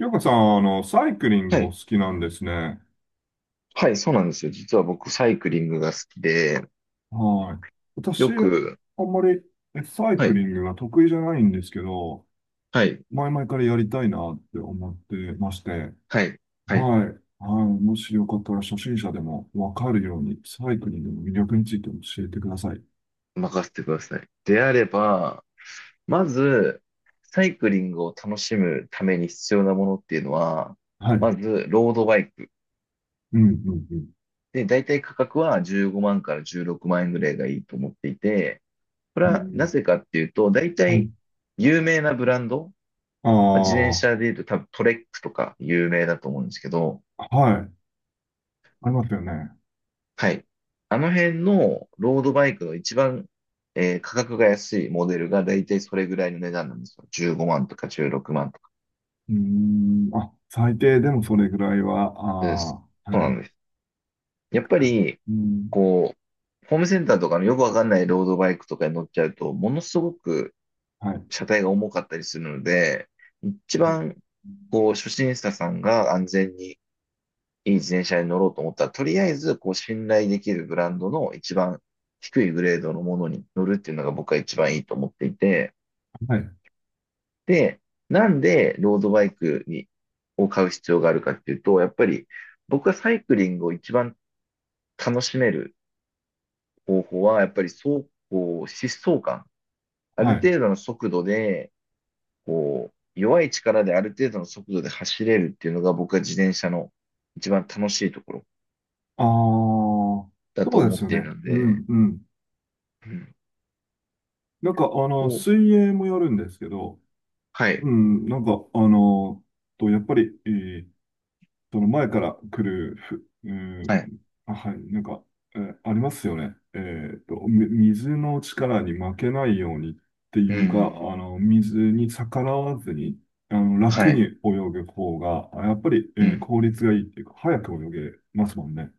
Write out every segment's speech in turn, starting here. ゆうかさん、サイクリングはもい。好きなんですね。はい、そうなんですよ。実は僕、サイクリングが好きで、はい。よ私、く、あんまりサイはクい、リングが得意じゃないんですけど、はい、前々からやりたいなって思ってまして、はい、はい、はい。はい。もしよかったら初心者でもわかるように、サイクリングの魅力について教えてください。任せてください。であれば、まず、サイクリングを楽しむために必要なものっていうのは、はい。うまず、ロードバイク。ん、うん、で、大体価格は15万から16万円ぐらいがいいと思っていて、これうん。うはなん、ぜかっていうと、大はい。体、有名なブランド、あまあ自転車あ、で言うと多分トレックとか有名だと思うんですけど、はい。ありますよね。はい。あの辺のロードバイクの一番、価格が安いモデルがだいたいそれぐらいの値段なんですよ。15万とか16万とか。うーん、あ、最低でもそれぐらいは、です。ああ、そうはない。んです。やっかぱかる。り、うん、こう、ホームセンターとかのよくわかんないロードバイクとかに乗っちゃうと、ものすごくはい。車体が重かったりするので、一番、こう、初心者さんが安全にいい自転車に乗ろうと思ったら、とりあえず、こう、信頼できるブランドの一番低いグレードのものに乗るっていうのが僕は一番いいと思っていて、はい、で、なんでロードバイクを買う必要があるかっていうと、やっぱり僕がサイクリングを一番楽しめる方法は、やっぱり走行、疾走感。あはるい。程度の速度で、こう、弱い力である程度の速度で走れるっていうのが僕は自転車の一番楽しいところああ、だとそうで思っすよていね。るのうで、ん、うん。うん、なんか、こう水泳もやるんですけど、はい。うん、なんか、やっぱり、その前から来る、うん、はい。あはい、なんか、ありますよね。水の力に負けないようにってういうか、あん。の、水に逆らわずに、は楽にい。泳ぐ方が、やっぱり、うん。効率がいいっていうか、早く泳げますもんね。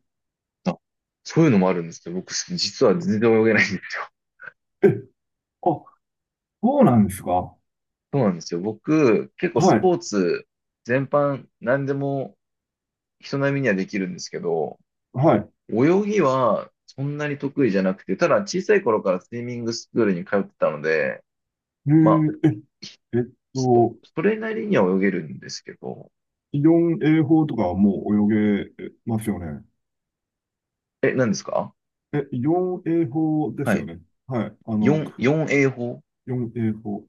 あ、そういうのもあるんですけど、僕、実は全然泳げないんです。え、あ、そうなんですか。そうなんですよ。僕、結構はスい。ポーツ全般、何でも人並みにはできるんですけど、はい。泳ぎはそんなに得意じゃなくて、ただ小さい頃からスイミングスクールに通ってたので、えまあ、ー、え、ひえっそと、それなりには泳げるんですけど、イオン泳法とかはもう泳げますよね。え、何ですか？え、イオン泳法ですはよい。ね。はい。4、4A 法 イオン泳法。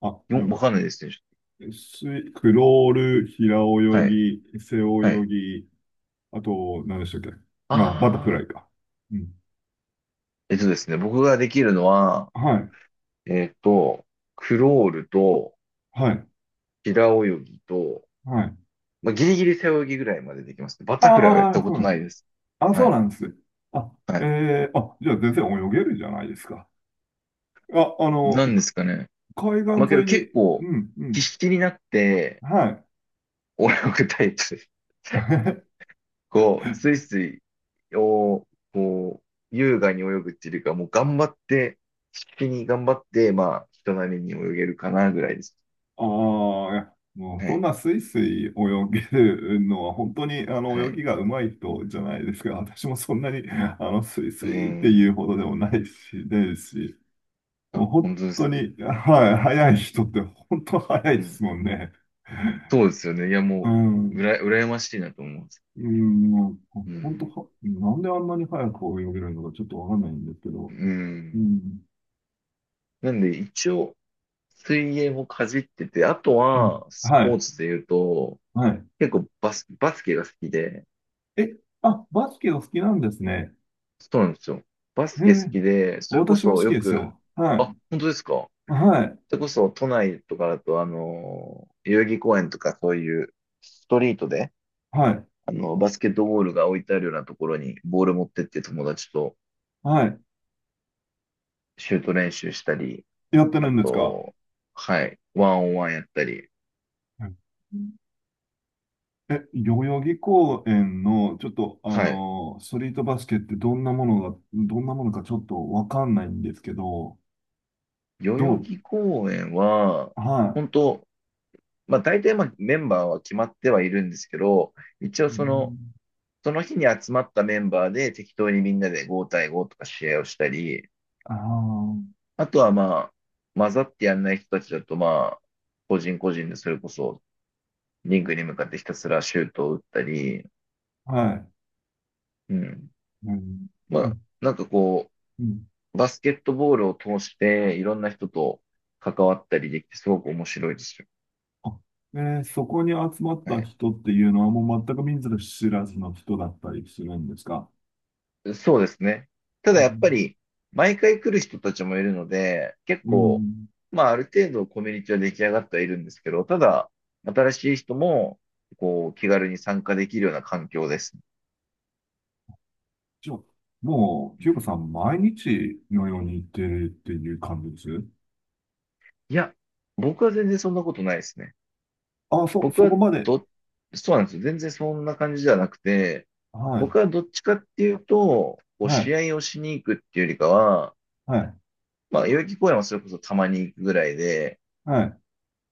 あ、な ?4、んわか、かんないですね。クロール、平泳はい。ぎ、背は泳い。ぎ、あと、何でしたっけ。あ、バタフあライか。うん。えっとですね、僕ができるのは、はい。えっと、クロールと、はい。平泳ぎと、はい。まあ、ギリギリ背泳ぎぐらいまでできますね。バタフライはやっあたあ、こそうとなんでなすいね。です。あ、はそうい。なんです。あ、はい。あ、じゃあ全然泳げるじゃないですか。あ、なんですかね。海まあ、岸け沿どい結に、構、うん、う必ん、死になって、はい。泳ぐタイプです。こう、スイスイを、こう、優雅に泳ぐっていうよりか、もう頑張って、必死に頑張って、まあ、人並みに泳げるかなぐらいです。ああ、いやもうはそんい。なスイスイ泳げるのは本当にあのは泳い。ぎが上手い人じゃないですか。私もそんなにあのスイスうーイっていうん。ほどでもないし、ですし、もうあ、本本当です当か？に、はい、速い人って本当速いうでんすもんね。そうですよね。いや、うもう、ん、羨ましいなと思うんです。うん、もうう本当ん。は、なんであんなに速く泳げるのかちょっとわかんないんですけうど、うん。ん、なんで、一応、水泳もかじってて、あとうん、は、スはポーい、ツで言うと、はい。結構バスケが好きで、え、あ、バスケお好きなんですね。そうなんですよ。バスえケ好え、きで、それこ私も好そきよですく、よ。はあ、い。本当ですか？はい。それこそ、都内とかだと、代々木公園とか、そういう、ストリートで、はい。バスケットボールが置いてあるようなところに、ボール持ってって友達とはい。シュート練習したり、やってあるんですか？と、はい、ワンオンワンやったり、うん、え、代々木公園の、ちょっと、はい、ストリートバスケってどんなものかちょっとわかんないんですけど、代ど々う、木公園は、はい。本当、まあ大体まあメンバーは決まってはいるんですけど、一応うその、ん、その日に集まったメンバーで適当にみんなで5対5とか試合をしたり、ああ、あとはまあ、混ざってやんない人たちだとまあ、個人個人でそれこそリングに向かってひたすらシュートを打ったり、はい。うん。うん、まうあ、ん、なんか、うん、バスケットボールを通して、いろんな人と関わったりできて、すごく面白いですよ。あそこに集まっはたい。人っていうのはもう全く見ず知らずの人だったりするんですか？そうですね。ただやっぱり、毎回来る人たちもいるので、結う構、ん。まあ、ある程度コミュニティは出来上がってはいるんですけど、ただ、新しい人も、こう、気軽に参加できるような環境です。じゃあ、もう、う清子さん、ん、毎日のように行ってるっていう感じです？いや、僕は全然そんなことないですね。あ、そ、僕そはこまで。ど、そうなんですよ。全然そんな感じじゃなくて、はい、僕はどっちかっていうと、こはうい、試合をしに行くっていうよりかは、はい、まあ、代々木公園はそれこそたまに行くぐらいで、はい、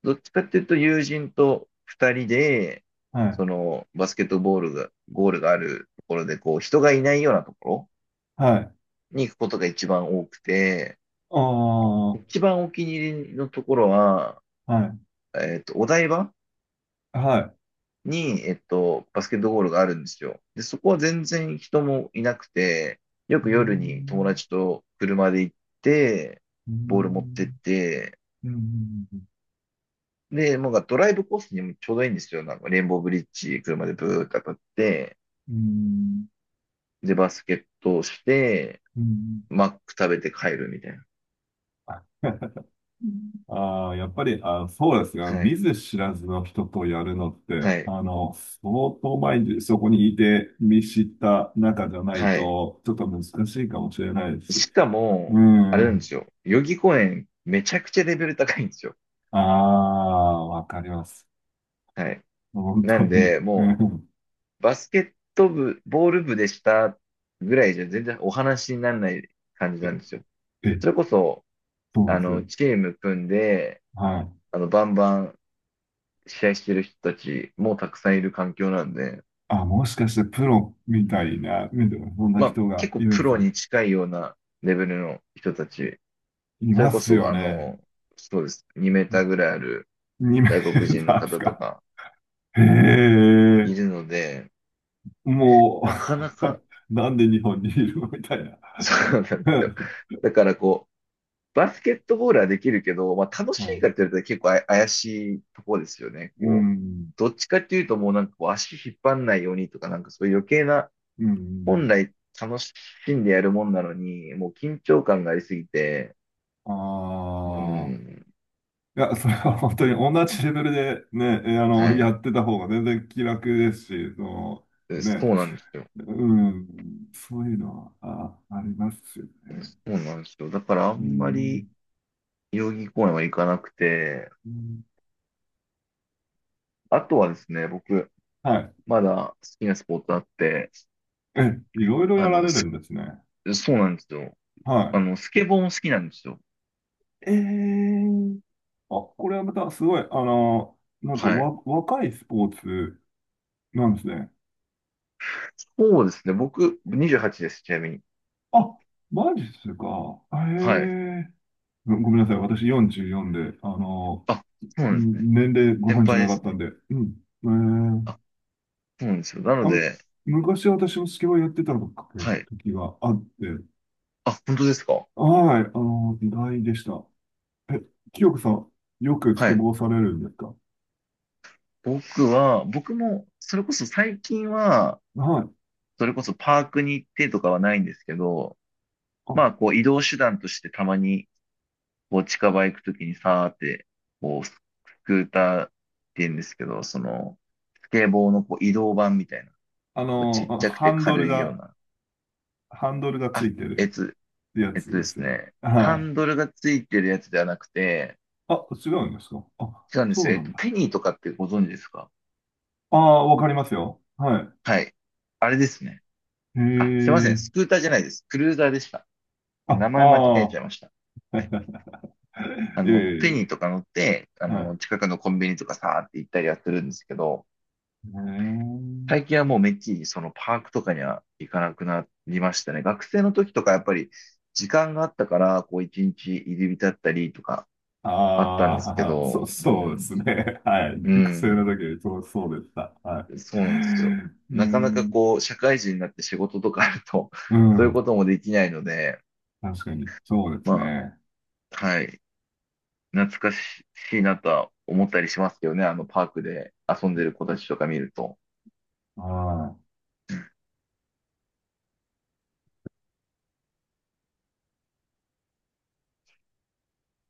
どっちかっていうと友人と二人で、はい、そのバスケットボールが、ゴールがあるところで、こう人がいないようなところはい。に行くことが一番多くて、ああ、は一番お気に入りのところは、い、お台場はい。に、バスケットゴールがあるんですよ。で、そこは全然人もいなくて、ようーく夜に友ん、達と車で行って、うーボール持ってっん、て、うーん、で、なんかドライブコースにもちょうどいいんですよ。なんかレインボーブリッジ、車でブーって当たって、うーん、で、バスケットをして、うーん。マック食べて帰るみたいな。ああ、やっぱり、そうですが、は見い。ず知らずの人とやるのって、はい。相当前にそこにいて見知った仲じゃないはい。と、ちょっと難しいかもしれないですしし。かうも、あれなんでん。すよ。代々木公園、めちゃくちゃレベル高いんですよ。ああ、わかります。はい。本な当んに。で、うもん。う、バスケット部、ボール部でしたぐらいじゃ全然お話にならない感じえ、なんですよ。えそれこそ、そうなんですよ。チーム組んで、はい。バンバン試合してる人たちもたくさんいる環境なんで、あ、もしかしてプロうみたいん。な、みたいな、そんなまあ、人結が構いるんプですロね。に近いようなレベルの人たち、いそまれこすそ、よね。そうです。2メーターぐらいある2メ外国ー人タのーです方とか？かへいえ。るので、もなかなか、う なんで日本にいるのみたいな。そうなんですよ。うだからこう、バスケットボールはできるけど、まあ、楽しん、いかって言われたら結構怪しいところですよね。うこう、ん。どっちかっていうともうなんかこう足引っ張んないようにとか、なんかそういう余計な、う本ん。来楽しんでやるもんなのに、もう緊張感がありすぎて、うああ。ん、いや、それは本当に同じレベルでね、あの、はやい。ってた方が全然気楽ですし、その、ね、そうなんですよ。うん。そういうのは、あ、ありますよね。そうなんですよ。だからあうんまん。り代々木公園は行かなくて、うん、あとはですね、僕、はい。まだ好きなスポーツあって、え、いろいろあやらの、れるすんですね。そうなんですよ。はスケボーも好きなんですよ。い。ええ、あ、これはまたすごい、あの、なんかはい。わ、若いスポーツなんですね。そうですね。僕、28です、ちなみに。あ、マジっすか。へはい。え。ごめんなさい。私44で、あの、あ、そうなんですね。年齢ご先存知輩なでかっすたね。んで。うん。へえあ、ー。そうなんですよ。なのあので、昔私もスケボーやってたのかね、はい。時があって。あ、本当ですか？はい。あの、意外でした。え、清子さん、よくスはケい。ボーされるんですか？僕も、それこそ最近は、はい。それこそパークに行ってとかはないんですけど、あ、まあ、こう、移動手段としてたまに、こう、近場行くときにさーって、こう、スクーターって言うんですけど、その、スケボーのこう移動版みたいな、こうちっちゃくハてンドル軽いようが、な、ハンドルがつあ、いてえるつ、やえっつとでですすよね。ね、ハはい。ンドルがついてるやつではなくて、あ、違うんですか？あ、違うんでそすうよ。なんだ。ペニーとかってご存知ですか？ああ、わかりますよ。はい。はい。あれですね。へあ、すいません。え、スクーターじゃないです。クルーザーでした。あ、名前間違あえあ、ちゃいました。はい。えペえ、ニーとか乗って、はい。近くのコンビニとかさーって行ったりはするんですけど、うーん、最近はもうめっきりそのパークとかには行かなくなりましたね。学生の時とかやっぱり時間があったから、こう一日入り浸ったりとかああったんあ、ですけははそう、ど、うそうでん、すね。はい。う学生のん。時そうでした。はい。そううなんですよ。ーなかなかん、こう、社会人になって仕事とかあると、う そういうこん、ともできないので、確かに、そうですまね。あ、はい、懐かしいなとは思ったりしますけどね、あのパークで遊んでる子たちとか見ると。はい。